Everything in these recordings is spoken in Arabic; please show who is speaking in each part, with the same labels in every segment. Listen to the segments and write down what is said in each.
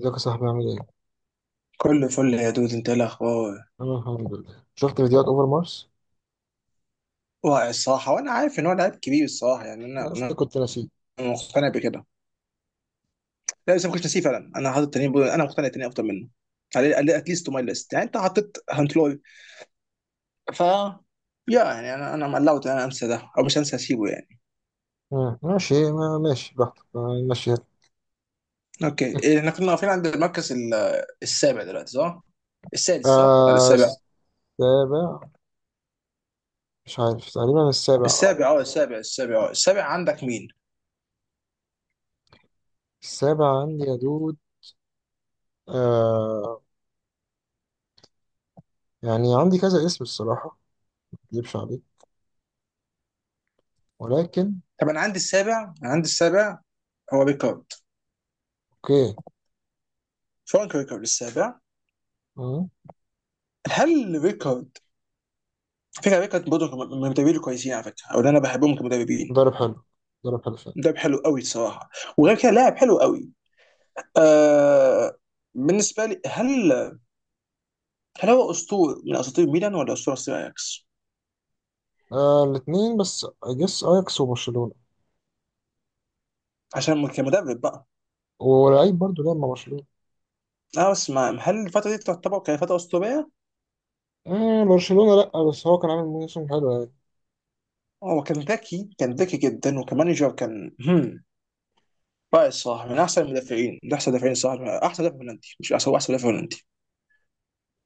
Speaker 1: ازيك يا صاحبي، عامل ايه؟
Speaker 2: كله فل يا دود، انت ايه الاخبار؟
Speaker 1: انا الحمد لله. شفت فيديوهات اوفر مارس؟
Speaker 2: واعي الصراحه، وانا عارف ان هو لعيب كبير الصراحه يعني
Speaker 1: انا
Speaker 2: انا
Speaker 1: اصلا
Speaker 2: انا
Speaker 1: كنت ناسيه.
Speaker 2: أنا مقتنع بكده. لا بس ما كنتش نسيه فعلا، انا حاطط تاني انا مقتنع تاني افضل منه على اتليست تو ماي ليست. يعني انت حطيت هانت لوري، ف يا يعني انا مقلعت، انا انسى ده؟ او مش هنسى اسيبه يعني.
Speaker 1: آه. ماشي، ما ماشي براحتك. آه، ماشي يلا.
Speaker 2: اوكي احنا كنا واقفين عند المركز السابع دلوقتي، صح؟ السادس صح؟ ولا
Speaker 1: آه،
Speaker 2: السابع؟
Speaker 1: السابع. مش عارف، تقريبا السابع اه.
Speaker 2: السابع، اه السابع، اه السابع. عندك مين؟
Speaker 1: السابع عندي يا دود. آه. يعني عندي كذا اسم الصراحة، مكدبش عليك، ولكن.
Speaker 2: طب انا عندي السابع، انا عندي السابع. هو ريكارد.
Speaker 1: اوكي.
Speaker 2: فرانك ريكارد السابع.
Speaker 1: مم.
Speaker 2: هل ريكارد، على فكرة برضه من المدربين الكويسين، على فكرة أو اللي أنا بحبهم كمدربين.
Speaker 1: ضرب حلو. ضرب حلو فعلا.
Speaker 2: مدرب حلو قوي الصراحة. وغير كده لاعب حلو قوي. آه. بالنسبة لي، هل هو أسطورة من أساطير ميلان ولا أسطورة أساطير أياكس؟
Speaker 1: آه الاتنين، بس اجس اياكس وبرشلونة.
Speaker 2: عشان كمدرب بقى.
Speaker 1: ولعيب برضه لعب مع برشلونة.
Speaker 2: أنا بس ما، هل الفترة دي تعتبر كفترة أسطورية؟
Speaker 1: آه، برشلونة لأ، بس هو كان عامل موسم حلو يعني.
Speaker 2: هو كان ذكي، كان ذكي جدا، وكمانجر كان هم رائع الصراحة. من أحسن المدافعين، من أحسن المدافعين الصراحة، من أحسن مدافع هولندي، مش أحسن، هو أحسن مدافع هولندي.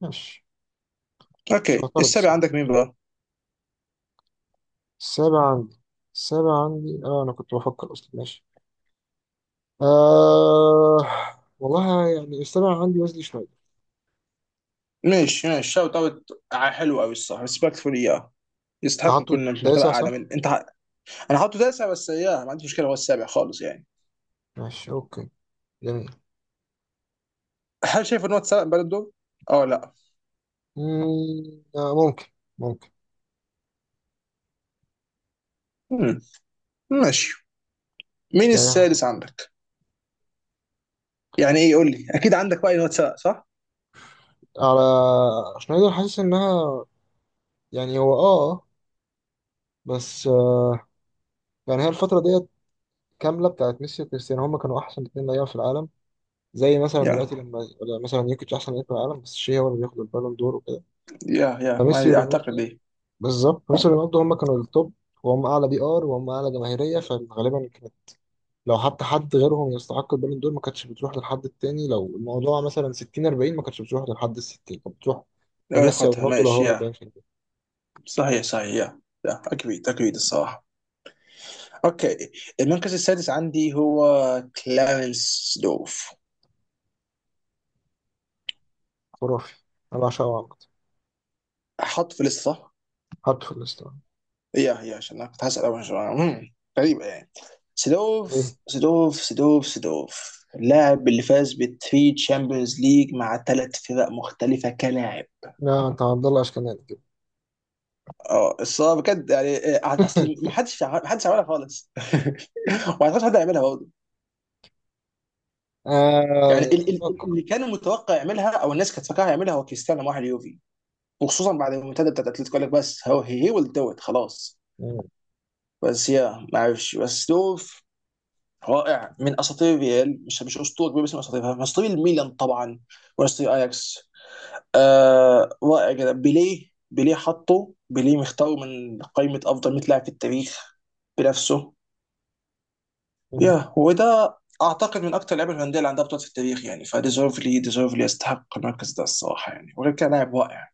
Speaker 1: ماشي. مش
Speaker 2: أوكي
Speaker 1: هعترض
Speaker 2: السابع عندك
Speaker 1: الصراحة.
Speaker 2: مين بقى؟
Speaker 1: السابع عندي. السابع عندي اه. انا كنت بفكر اصلا. ماشي. آه، والله يعني السابع عندي ويزلي شوية.
Speaker 2: ماشي ماشي شوت اوت. حلو قوي الصراحه، ريسبكتفول اياه. يستحق
Speaker 1: تعطوا.
Speaker 2: يكون في مرتبه
Speaker 1: التاسع
Speaker 2: اعلى
Speaker 1: صح؟
Speaker 2: من انا حاطه تاسع، بس اياه ما عنديش مشكله، هو السابع خالص يعني.
Speaker 1: ماشي. اوكي. جميل.
Speaker 2: هل شايف ان هو اتسرق بالون دور؟ اه لا.
Speaker 1: ممكن، ممكن.
Speaker 2: مم. ماشي. مين
Speaker 1: يعني حسن.
Speaker 2: السادس عندك؟ يعني ايه، قول لي، اكيد عندك راي ان هو اتسرق صح؟
Speaker 1: على، شنايدر حاسس انها، يعني هو بس يعني هي الفترة ديت كاملة، بتاعت ميسي وكريستيانو. هما كانوا أحسن اتنين لعيبة في العالم، زي مثلا دلوقتي،
Speaker 2: يا
Speaker 1: لما مثلا يوكيتش أحسن لعيب في العالم. بس شيء، هو اللي بياخد البالون دور وكده،
Speaker 2: يا
Speaker 1: فميسي
Speaker 2: ما اعتقد
Speaker 1: ورونالدو.
Speaker 2: ايه
Speaker 1: بالظبط، ميسي ورونالدو هم كانوا التوب، وهم اعلى بي ار، وهم اعلى جماهيريه. فغالبا كانت، لو حتى حد غيرهم يستحق البالون دور، ما كانتش بتروح للحد التاني. لو الموضوع مثلا 60 40 ما كانتش بتروح للحد ال 60، كانت بتروح
Speaker 2: لو
Speaker 1: لميسي او
Speaker 2: ياخدها.
Speaker 1: رونالدو، لو هو
Speaker 2: ماشي يا.
Speaker 1: 40%.
Speaker 2: صحيح صحيح يا. يا اكيد اكيد الصراحه. اوكي. المركز السادس عندي هو كلارنس دوف.
Speaker 1: خرافي. انا بعشقه عامه.
Speaker 2: حط في لسه.
Speaker 1: حطه في الاسطوانه.
Speaker 2: يا عشان انا كنت هسأل أول سؤال. غريبة يعني.
Speaker 1: ايه؟
Speaker 2: سيدورف اللاعب اللي فاز بالثري تشامبيونز ليج مع ثلاث فرق مختلفة كلاعب.
Speaker 1: لا، انت عبد الله اشكناني كده.
Speaker 2: اه الصراحة بجد يعني، اصل ما حدش عملها خالص وما اعتقدش حد هيعملها برضه. يعني
Speaker 1: اتوقع.
Speaker 2: اللي كان متوقع يعملها او الناس كانت فاكرها يعملها هو كريستيانو مع اليوفي. وخصوصا بعد المنتدى بتاعت اتلتيكو، قال لك بس هو هي ويل دو ات خلاص.
Speaker 1: مم،
Speaker 2: بس يا ما اعرفش بس دول. رائع، من اساطير الريال، مش اسطوره كبيره، بس من اساطيرها، من اساطير الميلان طبعا. واساطير اياكس. آه رائع جدا. بيليه حطه. بيليه مختاره من قائمه افضل 100 لاعب في التاريخ بنفسه.
Speaker 1: مم،
Speaker 2: يا وده اعتقد من اكتر اللعيبه الهولنديه اللي عندها بطولات في التاريخ يعني. فديزيرفلي ديزيرفلي يستحق المركز ده الصراحه يعني. وغير كده لاعب رائع.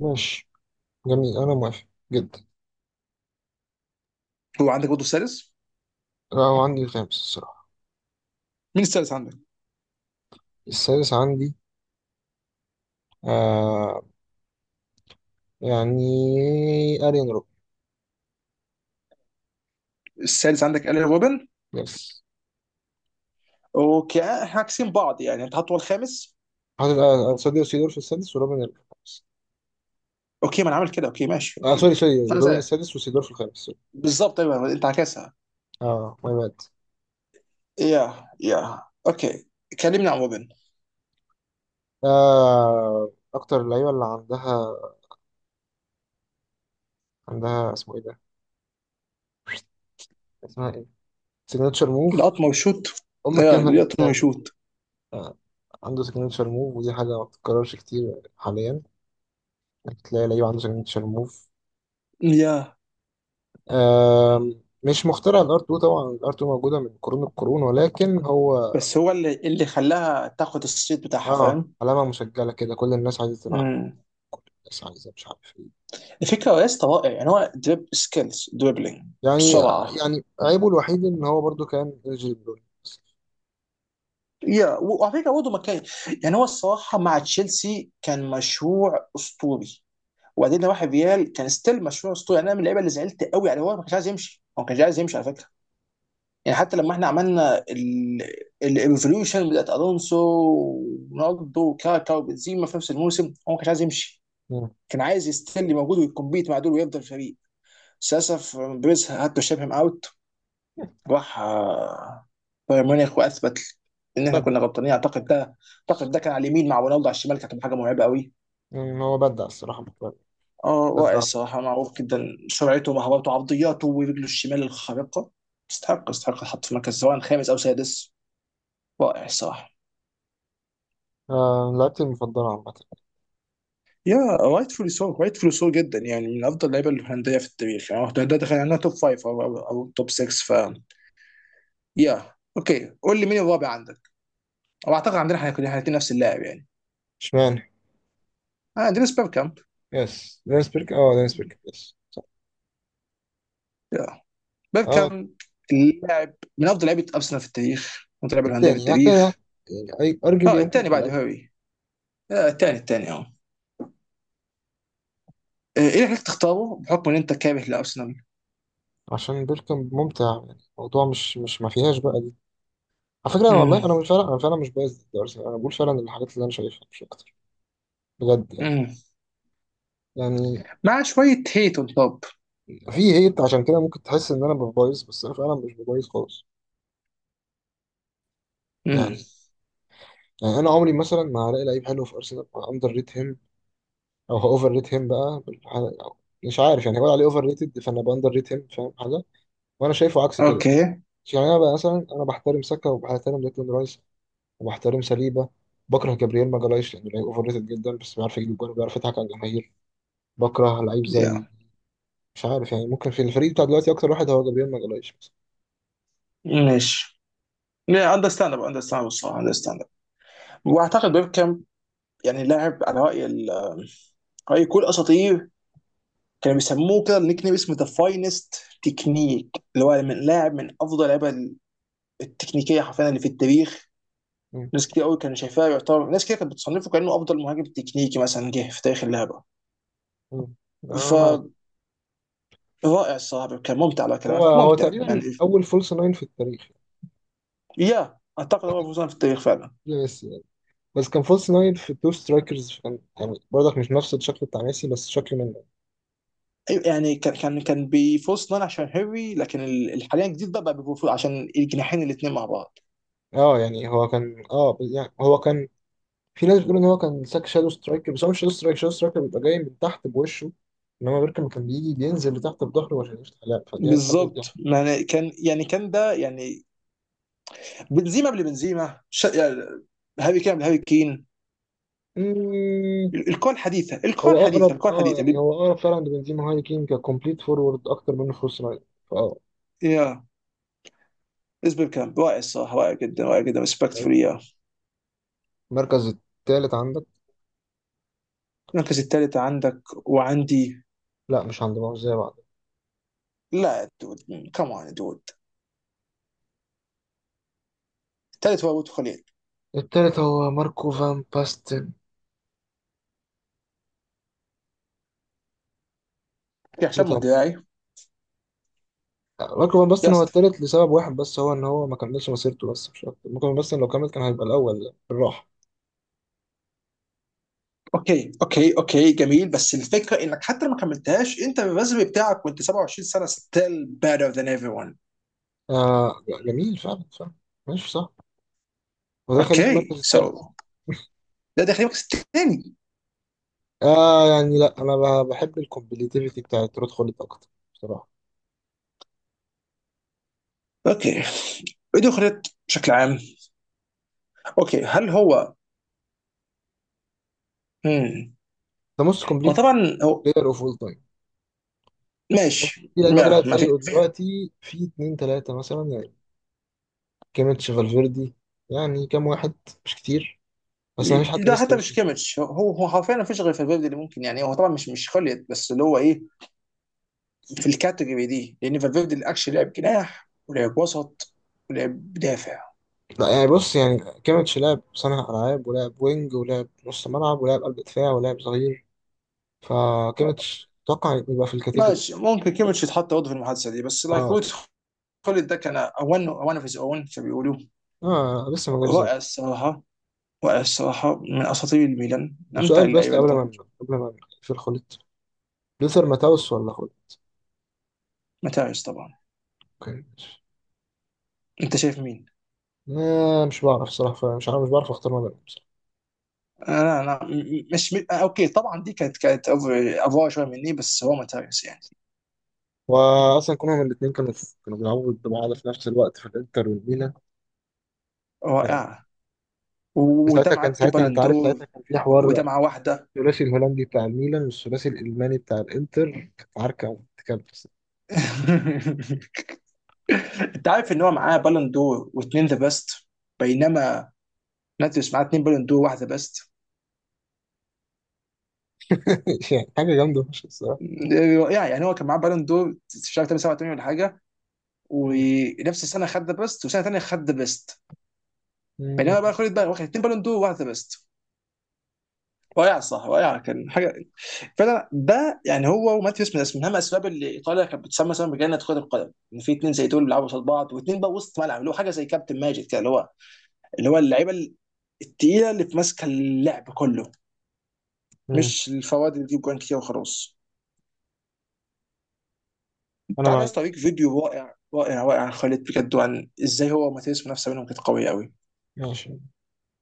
Speaker 1: ماشي. جميل، انا موافق جدا.
Speaker 2: هو عندك برضه السادس.
Speaker 1: لا، هو عندي الخامس الصراحه.
Speaker 2: مين السادس عندك؟
Speaker 1: السادس عندي. آه. يعني ارين.
Speaker 2: السادس عندك الين روبن.
Speaker 1: يس.
Speaker 2: اوكي احنا عاكسين بعض يعني، انت حاطه هو الخامس.
Speaker 1: حاطط ساديو سيدور في السادس، وروبن الخامس.
Speaker 2: اوكي ما انا عامل كده. اوكي ماشي اوكي.
Speaker 1: سوري، سوري.
Speaker 2: انا
Speaker 1: روبن
Speaker 2: زيك.
Speaker 1: السادس، وسيدور في الخامس. سوري.
Speaker 2: بالظبط ايوه، انت عكسها.
Speaker 1: اه ماي باد.
Speaker 2: يا اوكي. كلمني عن روبن.
Speaker 1: آه، أكتر اللعيبة اللي عندها، عندها اسمه إيه ده؟ اسمها إيه؟ سيجنتشر موف.
Speaker 2: القطمه وشوت. يا
Speaker 1: الكلمة اللي
Speaker 2: القطمه
Speaker 1: بنساها دي.
Speaker 2: وشوت.
Speaker 1: آه. عنده سيجنتشر موف، ودي حاجة ما بتتكررش كتير حاليا، إنك تلاقي لعيب عنده سيجنتشر موف.
Speaker 2: يا
Speaker 1: آه. مش مخترع الار 2 طبعا، الار 2 موجودة من قرون القرون، ولكن هو
Speaker 2: بس هو اللي خلاها تاخد الصيت بتاعها،
Speaker 1: اه
Speaker 2: فاهم.
Speaker 1: علامة مسجلة كده. كل الناس عايزة تلعب،
Speaker 2: امم.
Speaker 1: كل الناس عايزة مش عارف إيه.
Speaker 2: الفكره يا اسطى رائع، يعني هو دريب سكيلز دريبلينج
Speaker 1: يعني،
Speaker 2: بسرعه.
Speaker 1: يعني عيبه الوحيد ان هو برضو كان الجيبرون.
Speaker 2: يا وعلى فكره برضه مكان. يعني هو الصراحه مع تشيلسي كان مشروع اسطوري. وبعدين لو واحد ريال كان ستيل مشروع اسطوري يعني، انا من اللعيبه اللي زعلت قوي يعني. هو ما كانش عايز يمشي، هو ما كانش عايز يمشي على فكره. يعني حتى لما احنا عملنا الايفولوشن بتاعت الونسو ورونالدو وكاكا وبنزيما في نفس الموسم، هو ما كانش عايز يمشي. كان عايز يستني موجود ويكمبيت مع دول ويفضل فريق. بس للاسف بريز هاد تو شيب هيم اوت. راح بايرن ميونخ واثبت ان احنا
Speaker 1: بدع.
Speaker 2: كنا غلطانين. اعتقد ده، كان على اليمين مع رونالدو على الشمال، كانت حاجه مرعبه قوي.
Speaker 1: يعني هو بدع الصراحة.
Speaker 2: اه رائع
Speaker 1: بدع.
Speaker 2: الصراحه، معروف جدا سرعته ومهاراته وعرضياته ورجله الشمال الخارقه. يستحق الحط في مركز سواء خامس او سادس. رائع الصراحه.
Speaker 1: آه، لعبتي المفضلة عامة.
Speaker 2: يا رايتفولي سو جدا يعني، من افضل اللعيبه الهولنديه في التاريخ يعني. ده دخل عنها توب فايف، أو توب 6. ف يا اوكي، قول لي مين الرابع عندك؟ او اعتقد عندنا احنا كلنا الاثنين نفس اللاعب يعني.
Speaker 1: اشمعنى؟
Speaker 2: عندنا بيركامب.
Speaker 1: يس، دينيس بيرك. اه دينيس بيرك، يس صح.
Speaker 2: يا
Speaker 1: اه.
Speaker 2: بيركامب، اللاعب، من افضل لعيبه ارسنال في التاريخ، من افضل لعيبه الهولنديه في
Speaker 1: التاني، يعني التاني.
Speaker 2: التاريخ.
Speaker 1: يعني ارجلي
Speaker 2: اه
Speaker 1: يمكن
Speaker 2: الثاني
Speaker 1: يبقى
Speaker 2: بعد
Speaker 1: الاول.
Speaker 2: هاري. آه الثاني اه. ايه اللي خلاك تختاره بحكم ان انت كاره لارسنال؟
Speaker 1: عشان بيركم ممتع. يعني الموضوع مش ما فيهاش بقى دي. على فكرة، انا والله،
Speaker 2: امم.
Speaker 1: انا مش فعلا، انا فعلا مش بايظ ضد ارسنال. انا بقول فعلا الحاجات اللي انا شايفها، مش اكتر. بجد يعني.
Speaker 2: امم.
Speaker 1: يعني
Speaker 2: مع شويه هيت اون توب.
Speaker 1: في هيت، عشان كده ممكن تحس ان انا ببايظ، بس انا فعلا مش ببايظ خالص.
Speaker 2: امم.
Speaker 1: يعني. يعني انا عمري مثلا ما هلاقي لعيب حلو في ارسنال، اندر ريت هيم، او اوفر ريت هيم بقى أو، مش عارف. يعني هقول عليه اوفر ريتد فانا باندر ريت هيم، فاهم حاجه؟ وانا شايفه عكس كده.
Speaker 2: اوكي.
Speaker 1: يعني انا بقى مثلا، انا بحترم ساكا، وبحترم ديكلان رايس، وبحترم سليبه. بكره جابرييل ماجالايش لانه لعيب اوفر ريتد جدا، بس بيعرف يجيب جول وبيعرف يضحك على الجماهير. بكره لعيب زي،
Speaker 2: يا
Speaker 1: مش عارف. يعني ممكن في الفريق بتاع دلوقتي، اكتر واحد هو جابرييل ماجالايش مثلا.
Speaker 2: ماشي. لا اندرستاندبل اندرستاندبل الصراحه اندرستاندبل. واعتقد بيبكم، يعني لاعب على راي راي كل اساطير، كانوا بيسموه كده، النيك نيم اسمه ذا فاينست تكنيك. اللي هو من لاعب من افضل اللعيبه التكنيكيه حرفيا اللي في التاريخ.
Speaker 1: مم.
Speaker 2: ناس كتير قوي كانوا شايفاه، يعتبر ناس كتير كانت بتصنفه كانه افضل مهاجم تكنيكي مثلا جه في تاريخ اللعبه.
Speaker 1: مم. انا معاك.
Speaker 2: فرائع الصراحه، كان ممتع على
Speaker 1: هو
Speaker 2: كلامك،
Speaker 1: هو
Speaker 2: ممتع يعني.
Speaker 1: تقريبا اول فولس ناين في التاريخ.
Speaker 2: يا اعتقد هو فوزان في التاريخ فعلا.
Speaker 1: بس، بس كان فولس ناين في تو سترايكرز. كان يعني برضك مش نفس الشكل بتاع ميسي، بس شكل منه.
Speaker 2: يعني كان بيفورس نان عشان هيري. لكن حاليا الجديد ده بقى بيفورس عشان الجناحين الاثنين مع بعض.
Speaker 1: اه يعني هو كان، يعني هو كان، في ناس بتقول ان هو كان ساك شادو سترايكر. بس هو مش شادو سترايكر، شادو سترايكر بيبقى جاي من تحت بوشه، انما بيركم كان بيجي بينزل لتحت بظهره عشان يفتح لعب، فدي الحاجات دي.
Speaker 2: بالظبط يعني كان، يعني كان ده يعني بنزيما قبل بنزيما، يعني هاري كين قبل هاري كين.
Speaker 1: مم،
Speaker 2: الكون
Speaker 1: هو
Speaker 2: الحديثه
Speaker 1: اقرب،
Speaker 2: الكون الحديثه،
Speaker 1: يعني هو اقرب فعلا لبنزيما هاي كين ككومبليت فورورد، اكتر منه فولس ناين. فاه
Speaker 2: يا. اسباب كلام رائع الصراحه، رائع جدا، رائع جدا، ريسبكتفول يا.
Speaker 1: المركز التالت عندك.
Speaker 2: المركز الثالث عندك وعندي.
Speaker 1: لا، مش عند بعض زي بعض.
Speaker 2: لا دود، كمان دود. الثالث هو ابو خليل.
Speaker 1: التالت هو ماركو فان باستن.
Speaker 2: يا هشام
Speaker 1: التالت هو
Speaker 2: مدراي.
Speaker 1: رقم، بس
Speaker 2: يا
Speaker 1: هو
Speaker 2: اسطى.
Speaker 1: التالت لسبب واحد بس، هو ان هو ما كملش مسيرته، بس مش اكتر. ممكن بس لو كمل كان هيبقى الاول يعني، بالراحه.
Speaker 2: اوكي، جميل. بس الفكره انك حتى لو ما كملتهاش، انت الريزمي بتاعك وانت 27 سنه still better than everyone.
Speaker 1: آه. جميل فعلا، فعلا. ماشي صح. وده خليه في المركز
Speaker 2: اوكي
Speaker 1: التالت.
Speaker 2: ده داخل المركز الثاني.
Speaker 1: آه، يعني لا، انا بحب الكومبليتيفيتي بتاعت رود خوليت اكتر، بصراحه.
Speaker 2: اوكي. ايه دخلت بشكل عام. اوكي هل هو. مم.
Speaker 1: ده موست
Speaker 2: هو
Speaker 1: كومبليت
Speaker 2: طبعا هو
Speaker 1: بلاير اوف اول تايم.
Speaker 2: ماشي.
Speaker 1: في لعيبه
Speaker 2: ما
Speaker 1: طلعت
Speaker 2: ما
Speaker 1: زيه دلوقتي في اتنين تلاته مثلا، يعني كيميتش، فالفيردي. يعني كام واحد؟ مش كتير، بس ما فيش حد
Speaker 2: ده
Speaker 1: لسه
Speaker 2: حتى مش
Speaker 1: وصل.
Speaker 2: كيميتش، هو حرفيا ما فيش غير فالفيردي اللي ممكن. يعني هو طبعا مش خليت، بس اللي هو ايه، في الكاتيجوري دي، لان فالفيردي اللي اكشلي لعب جناح ولعب وسط ولعب دافع.
Speaker 1: لا، يعني بص يعني، كيميتش لعب صانع ألعاب، ولعب وينج، ولعب نص ملعب، ولعب قلب دفاع، ولعب ظهير، فكيميتش أتوقع يبقى في الكاتيجوري.
Speaker 2: ماشي، ممكن كيميتش يتحط برضه في المحادثه دي بس لايك
Speaker 1: اه.
Speaker 2: وود. خالد ده كان اون اون اوف هيز اون، بيقولوا.
Speaker 1: اه، لسه ما جاش
Speaker 2: رائع
Speaker 1: زيه.
Speaker 2: الصراحه، رائع الصراحه، من اساطير الميلان، من
Speaker 1: طب
Speaker 2: امتع
Speaker 1: سؤال، بس
Speaker 2: اللعيبه
Speaker 1: قبل
Speaker 2: اللي تاخد.
Speaker 1: ما قبل ما في الخليط، لوثر ماتاوس ولا خليط؟
Speaker 2: متاعش طبعا.
Speaker 1: اوكي، ماشي.
Speaker 2: انت شايف مين؟
Speaker 1: آه، مش بعرف صراحة، مش بعرف اختار ما بينهم بصراحة.
Speaker 2: انا مش اوكي، طبعا دي كانت افوار شويه مني، بس هو متاعش يعني.
Speaker 1: واصلا كلهم، الاثنين كانوا، كانوا بيلعبوا ضد بعض في نفس الوقت في الانتر والميلان. آه.
Speaker 2: رائع. وده
Speaker 1: ساعتها
Speaker 2: معاه
Speaker 1: كان،
Speaker 2: تي
Speaker 1: ساعتها انت
Speaker 2: بالون
Speaker 1: عارف، ساعتها
Speaker 2: دور.
Speaker 1: كان في
Speaker 2: وده
Speaker 1: حوار
Speaker 2: معاه واحده
Speaker 1: الثلاثي الهولندي بتاع الميلان والثلاثي الالماني بتاع الانتر. كانت عركه وبتتكلم.
Speaker 2: انت عارف ان هو معاه بالون دور واثنين ذا بيست. بينما ناتيوس معاه اثنين بالون دور واحده بيست.
Speaker 1: يعني حاجه جامده مش الصراحه.
Speaker 2: يعني هو كان معاه بالون دور في شهر 8 87 ولا حاجه.
Speaker 1: مم.
Speaker 2: ونفس السنه خد ذا بيست، وسنه ثانيه خد ذا بيست. بينما
Speaker 1: مم.
Speaker 2: بقى خد بقى، واخد اثنين بالون دور وواحد ذا بيست. رائع، صح، رائع، كان حاجه فعلا. ده يعني هو وماتيوس من من اهم الاسباب اللي ايطاليا كانت بتسمى مثلا بجنه كره القدم، ان في اثنين زي دول بيلعبوا قصاد بعض، واثنين بقى وسط ملعب، اللي هو حاجه زي كابتن ماجد كده، اللي هو اللعيبه الثقيله اللي في ماسكه اللعب كله،
Speaker 1: مم.
Speaker 2: مش الفواد اللي بتجيب جوان كتير وخلاص.
Speaker 1: انا
Speaker 2: تعالى يا
Speaker 1: معاك.
Speaker 2: اسطى اوريك فيديو رائع، رائع، رائع، عن خالد بجد، وعن ازاي هو وماتياس منافسه بينهم كانت قويه قوي.
Speaker 1: ماشي